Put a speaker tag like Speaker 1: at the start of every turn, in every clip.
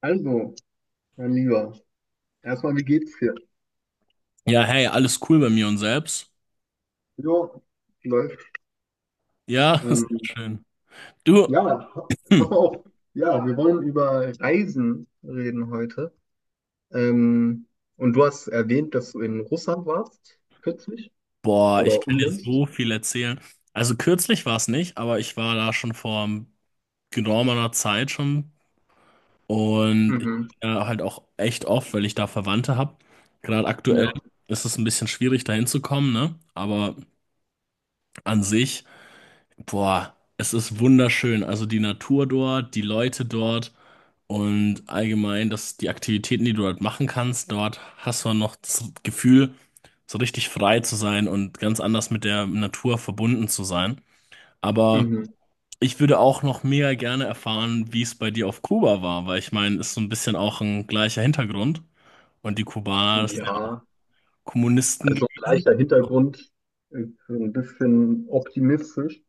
Speaker 1: Also, mein Lieber, erstmal, wie geht's dir?
Speaker 2: Ja, hey, alles cool bei mir und selbst.
Speaker 1: Jo, läuft.
Speaker 2: Ja, sehr
Speaker 1: Ähm,
Speaker 2: schön. Du,
Speaker 1: ja, pass
Speaker 2: hm,
Speaker 1: mal auf. Ja, wir wollen über Reisen reden heute. Ähm, und du hast erwähnt, dass du in Russland warst, kürzlich
Speaker 2: boah, ich
Speaker 1: oder
Speaker 2: kann dir
Speaker 1: unlängst.
Speaker 2: so viel erzählen. Also kürzlich war es nicht, aber ich war da schon vor geraumer Zeit schon und ich
Speaker 1: Mhm,
Speaker 2: bin da halt auch echt oft, weil ich da Verwandte habe. Gerade aktuell
Speaker 1: ja.
Speaker 2: ist es ein bisschen schwierig, da hinzukommen, ne? Aber an sich, boah, es ist wunderschön. Also die Natur dort, die Leute dort. Und allgemein, dass die Aktivitäten, die du dort machen kannst, dort hast du noch das Gefühl, so richtig frei zu sein und ganz anders mit der Natur verbunden zu sein. Aber
Speaker 1: Mhm.
Speaker 2: ich würde auch noch mega gerne erfahren, wie es bei dir auf Kuba war, weil ich meine, ist so ein bisschen auch ein gleicher Hintergrund. Und die Kubaner sind ja auch
Speaker 1: Ja,
Speaker 2: Kommunisten
Speaker 1: also
Speaker 2: gewesen.
Speaker 1: gleicher Hintergrund, ein bisschen optimistisch.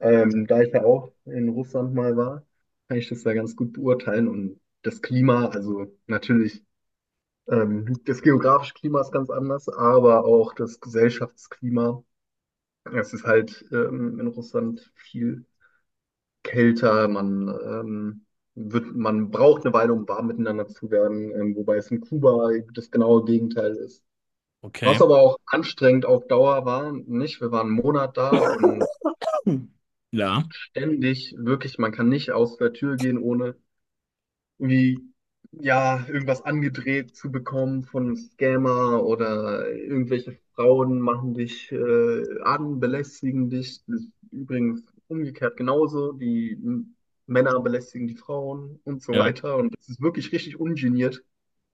Speaker 1: Da ich ja auch in Russland mal war, kann ich das ja ganz gut beurteilen. Und das Klima, also natürlich, das geografische Klima ist ganz anders, aber auch das Gesellschaftsklima. Es ist halt in Russland viel kälter. Man braucht eine Weile, um warm miteinander zu werden, wobei es in Kuba das genaue Gegenteil ist.
Speaker 2: Okay.
Speaker 1: Was aber auch anstrengend auf Dauer war, nicht? Wir waren einen Monat da und
Speaker 2: Hm. Ja.
Speaker 1: ständig, wirklich, man kann nicht aus der Tür gehen, ohne irgendwie, ja, irgendwas angedreht zu bekommen von einem Scammer oder irgendwelche Frauen machen dich an, belästigen dich. Das ist übrigens umgekehrt genauso. Die Männer belästigen die Frauen und so
Speaker 2: Ja.
Speaker 1: weiter. Und es ist wirklich richtig ungeniert,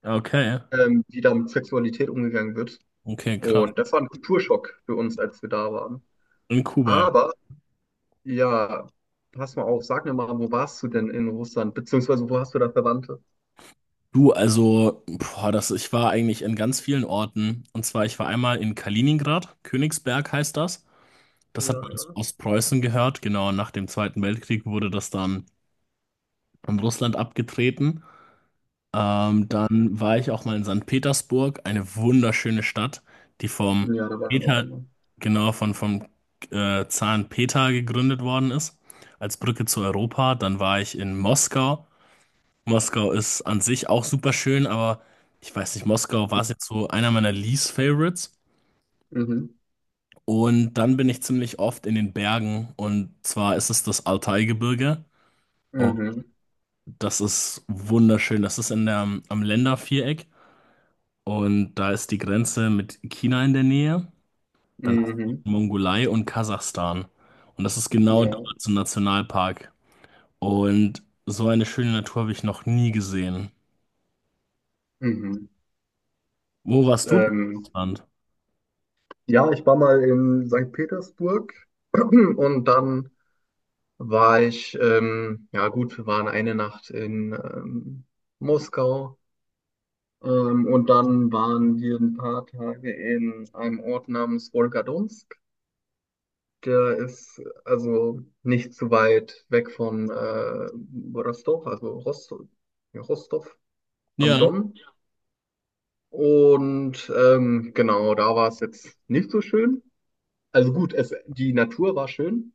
Speaker 2: Okay.
Speaker 1: wie da mit Sexualität umgegangen wird.
Speaker 2: Okay, krass.
Speaker 1: Und das war ein Kulturschock für uns, als wir da waren.
Speaker 2: In Kuba, ja.
Speaker 1: Aber ja, pass mal auf, sag mir mal, wo warst du denn in Russland? Beziehungsweise wo hast du da Verwandte?
Speaker 2: Du, also, boah, das, ich war eigentlich in ganz vielen Orten. Und zwar, ich war einmal in Kaliningrad, Königsberg heißt das.
Speaker 1: Ja,
Speaker 2: Das hat man zu
Speaker 1: ja.
Speaker 2: Ostpreußen gehört. Genau, nach dem Zweiten Weltkrieg wurde das dann an Russland abgetreten. Dann war ich auch mal in Sankt Petersburg, eine wunderschöne Stadt, die vom
Speaker 1: Ja, da war ich auch
Speaker 2: Peter,
Speaker 1: schon mal.
Speaker 2: genau, von, vom Zaren Peter gegründet worden ist, als Brücke zu Europa. Dann war ich in Moskau. Moskau ist an sich auch super schön, aber ich weiß nicht, Moskau war es jetzt so einer meiner Least Favorites.
Speaker 1: Mhm.
Speaker 2: Und dann bin ich ziemlich oft in den Bergen und zwar ist es das Altaigebirge. Und
Speaker 1: Mhm.
Speaker 2: das ist wunderschön. Das ist in der, am Länderviereck und da ist die Grenze mit China in der Nähe. Dann hast
Speaker 1: Mhm.
Speaker 2: du Mongolei und Kasachstan. Und das ist genau dort
Speaker 1: Ja.
Speaker 2: zum Nationalpark. Und so eine schöne Natur habe ich noch nie gesehen.
Speaker 1: Mhm.
Speaker 2: Wo warst du denn in
Speaker 1: Ähm,
Speaker 2: Russland?
Speaker 1: ja, ich war mal in St. Petersburg und dann war ich, ja gut, wir waren eine Nacht in Moskau und dann waren wir ein paar Tage in einem Ort namens Wolgadonsk. Der ist also nicht zu weit weg von Rostov, also Rostow, ja, Rostov am
Speaker 2: Ja,
Speaker 1: Don. Und genau, da war es jetzt nicht so schön. Also gut, es, die Natur war schön.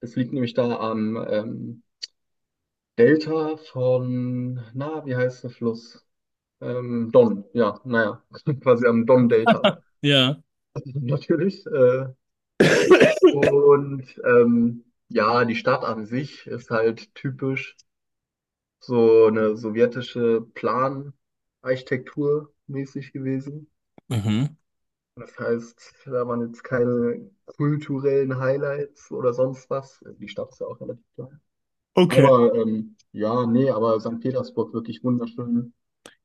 Speaker 1: Es liegt nämlich da am Delta von, na, wie heißt der Fluss? Don, ja, naja, quasi am Don-Delta
Speaker 2: ja.
Speaker 1: natürlich. Und ja, die Stadt an sich ist halt typisch so eine sowjetische Planarchitektur mäßig gewesen.
Speaker 2: Mhm.
Speaker 1: Das heißt, da waren jetzt keine kulturellen Highlights oder sonst was. Die Stadt ist ja auch relativ klein.
Speaker 2: Okay.
Speaker 1: Aber ja, nee, aber St. Petersburg wirklich wunderschön.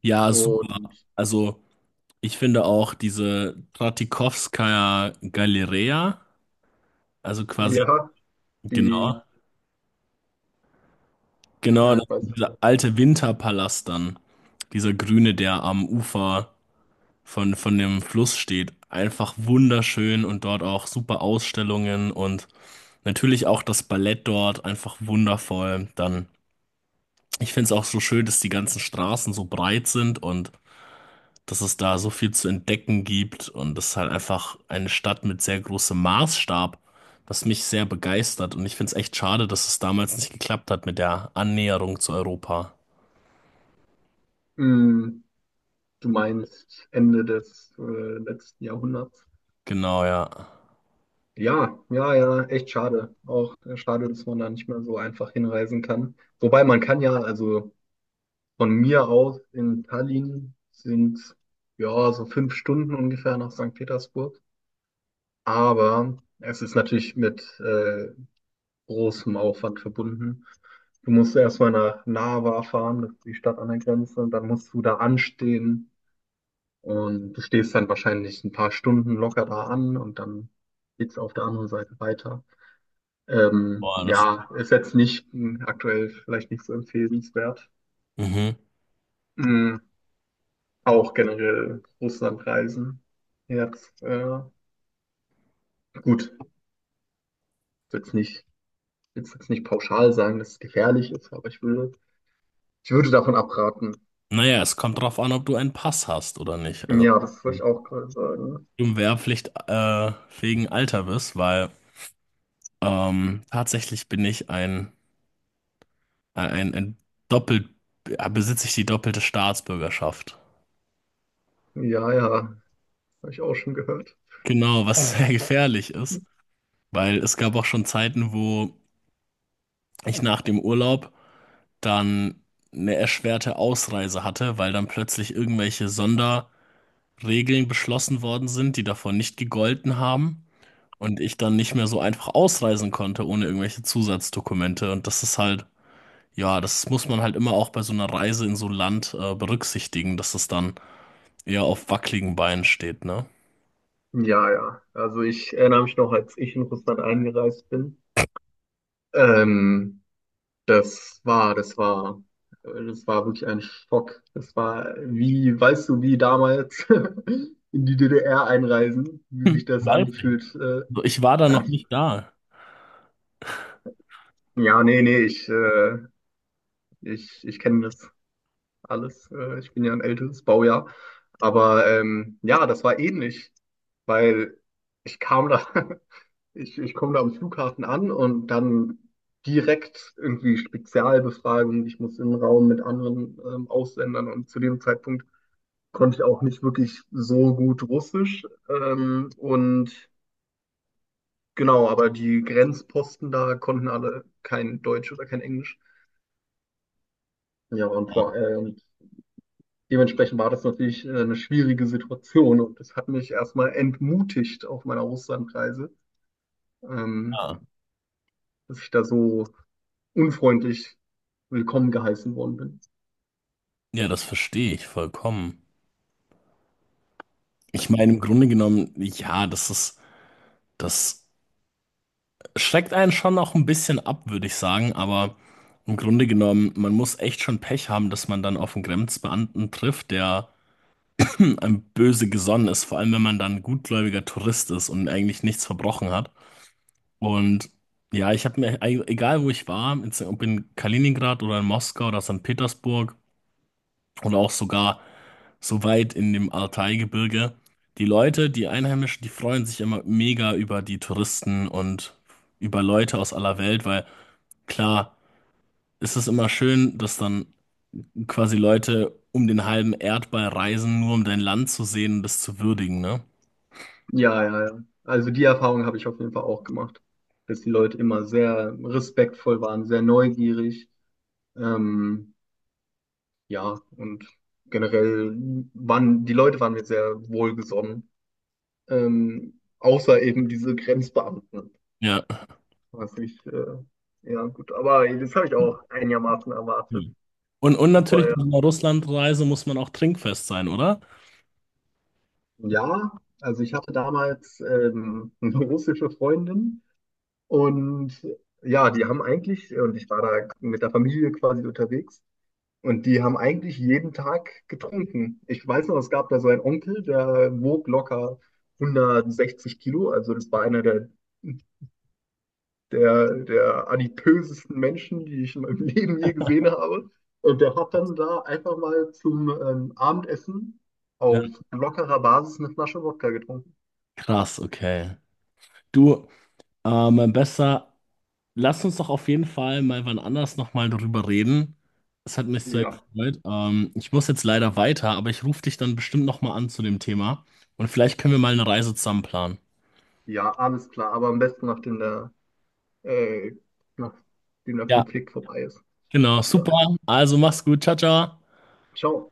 Speaker 2: Ja, super.
Speaker 1: Und
Speaker 2: Also, ich finde auch diese Tratikowskaja Galeria, also quasi,
Speaker 1: ja,
Speaker 2: genau,
Speaker 1: die,
Speaker 2: genau,
Speaker 1: ja,
Speaker 2: das,
Speaker 1: ich weiß,
Speaker 2: dieser alte Winterpalast dann, dieser grüne, der am Ufer von dem Fluss steht, einfach wunderschön und dort auch super Ausstellungen und natürlich auch das Ballett dort einfach wundervoll. Dann, ich finde es auch so schön, dass die ganzen Straßen so breit sind und dass es da so viel zu entdecken gibt und das ist halt einfach eine Stadt mit sehr großem Maßstab, was mich sehr begeistert und ich finde es echt schade, dass es damals nicht geklappt hat mit der Annäherung zu Europa.
Speaker 1: mm, du meinst Ende des letzten Jahrhunderts.
Speaker 2: Genau, ja.
Speaker 1: Ja, ja, ja, echt schade. Auch schade, dass man da nicht mehr so einfach hinreisen kann. Wobei man kann ja, also von mir aus in Tallinn sind ja so 5 Stunden ungefähr nach Sankt Petersburg. Aber es ist natürlich mit großem Aufwand verbunden. Du musst erstmal nach Narva fahren, das ist die Stadt an der Grenze, und dann musst du da anstehen. Und du stehst dann wahrscheinlich ein paar Stunden locker da an und dann geht's auf der anderen Seite weiter.
Speaker 2: Boah, das.
Speaker 1: Ja, ist jetzt nicht aktuell vielleicht nicht so empfehlenswert.
Speaker 2: Mhm.
Speaker 1: Mm, Auch generell Russlandreisen. Jetzt, gut, ich will jetzt nicht, ich will jetzt nicht pauschal sagen, dass es gefährlich ist, aber ich würde davon abraten.
Speaker 2: Naja, es kommt drauf an, ob du einen Pass hast oder nicht. Also,
Speaker 1: Ja, das
Speaker 2: wenn
Speaker 1: wollte ich
Speaker 2: du
Speaker 1: auch gerade sagen.
Speaker 2: im Wehrpflicht wegen Alter bist, weil tatsächlich bin ich ein doppelt, besitze ich die doppelte Staatsbürgerschaft.
Speaker 1: Ja, ja, habe ich auch schon gehört.
Speaker 2: Genau, was sehr gefährlich ist. Weil es gab auch schon Zeiten, wo ich nach dem Urlaub dann eine erschwerte Ausreise hatte, weil dann plötzlich irgendwelche Sonderregeln beschlossen worden sind, die davor nicht gegolten haben und ich dann nicht mehr so einfach ausreisen konnte ohne irgendwelche Zusatzdokumente. Und das ist halt, ja, das muss man halt immer auch bei so einer Reise in so ein Land berücksichtigen, dass es dann eher auf wackeligen Beinen steht, ne?
Speaker 1: Ja, ja. Also ich erinnere mich noch, als ich in Russland eingereist bin. Ähm, das war, das war, das war wirklich ein Schock. Das war wie, weißt du, wie damals in die DDR einreisen, wie sich
Speaker 2: Hm,
Speaker 1: das
Speaker 2: weiß ich.
Speaker 1: angefühlt.
Speaker 2: So, ich war da noch
Speaker 1: Echt?
Speaker 2: nicht da.
Speaker 1: Ja, nee, nee, ich kenne das alles. Ich bin ja ein älteres Baujahr. Aber ja, das war ähnlich, weil ich kam da, ich komme da am Flughafen an und dann direkt irgendwie Spezialbefragung. Ich muss in den Raum mit anderen Ausländern und zu dem Zeitpunkt konnte ich auch nicht wirklich so gut Russisch. Und genau, aber die Grenzposten da konnten alle kein Deutsch oder kein Englisch. Ja, und vor allem, dementsprechend war das natürlich eine schwierige Situation und das hat mich erstmal entmutigt auf meiner Russlandreise, ähm,
Speaker 2: Ah,
Speaker 1: dass ich da so unfreundlich willkommen geheißen worden bin.
Speaker 2: ja, das verstehe ich vollkommen. Ich meine, im Grunde genommen, ja, das ist, das schreckt einen schon auch ein bisschen ab, würde ich sagen, aber im Grunde genommen, man muss echt schon Pech haben, dass man dann auf einen Grenzbeamten trifft, der einem böse gesonnen ist, vor allem wenn man dann ein gutgläubiger Tourist ist und eigentlich nichts verbrochen hat. Und ja, ich habe mir, egal wo ich war, jetzt, ob in Kaliningrad oder in Moskau oder St. Petersburg, und auch sogar so weit in dem Altai-Gebirge. Die Leute, die Einheimischen, die freuen sich immer mega über die Touristen und über Leute aus aller Welt, weil klar ist es immer schön, dass dann quasi Leute um den halben Erdball reisen, nur um dein Land zu sehen und es zu würdigen, ne?
Speaker 1: Ja, ja, ja. Also die Erfahrung habe ich auf jeden Fall auch gemacht, dass die Leute immer sehr respektvoll waren, sehr neugierig. Ähm, ja, und generell waren die Leute waren mir sehr wohlgesonnen, außer eben diese Grenzbeamten.
Speaker 2: Ja.
Speaker 1: Was nicht, ja, gut. Aber das habe ich auch einigermaßen erwartet.
Speaker 2: Und
Speaker 1: Das
Speaker 2: natürlich
Speaker 1: war ja.
Speaker 2: bei einer Russlandreise muss man auch trinkfest sein, oder?
Speaker 1: Ja, also ich hatte damals eine russische Freundin und ja, die haben eigentlich, und ich war da mit der Familie quasi unterwegs, und die haben eigentlich jeden Tag getrunken. Ich weiß noch, es gab da so einen Onkel, der wog locker 160 Kilo, also das war einer der adipösesten Menschen, die ich in meinem Leben je gesehen habe. Und der hat dann da einfach mal zum Abendessen
Speaker 2: Ja.
Speaker 1: auf lockerer Basis eine Flasche Wodka getrunken.
Speaker 2: Krass, okay. Du, besser. Lass uns doch auf jeden Fall mal wann anders nochmal darüber reden. Es hat mich sehr
Speaker 1: Ja,
Speaker 2: gefreut. Ich muss jetzt leider weiter, aber ich rufe dich dann bestimmt nochmal an zu dem Thema. Und vielleicht können wir mal eine Reise zusammen planen.
Speaker 1: ja, alles klar, aber am besten nachdem äh, der
Speaker 2: Ja,
Speaker 1: Konflikt vorbei ist.
Speaker 2: genau,
Speaker 1: Ja,
Speaker 2: super. Also mach's gut. Ciao, ciao.
Speaker 1: ciao.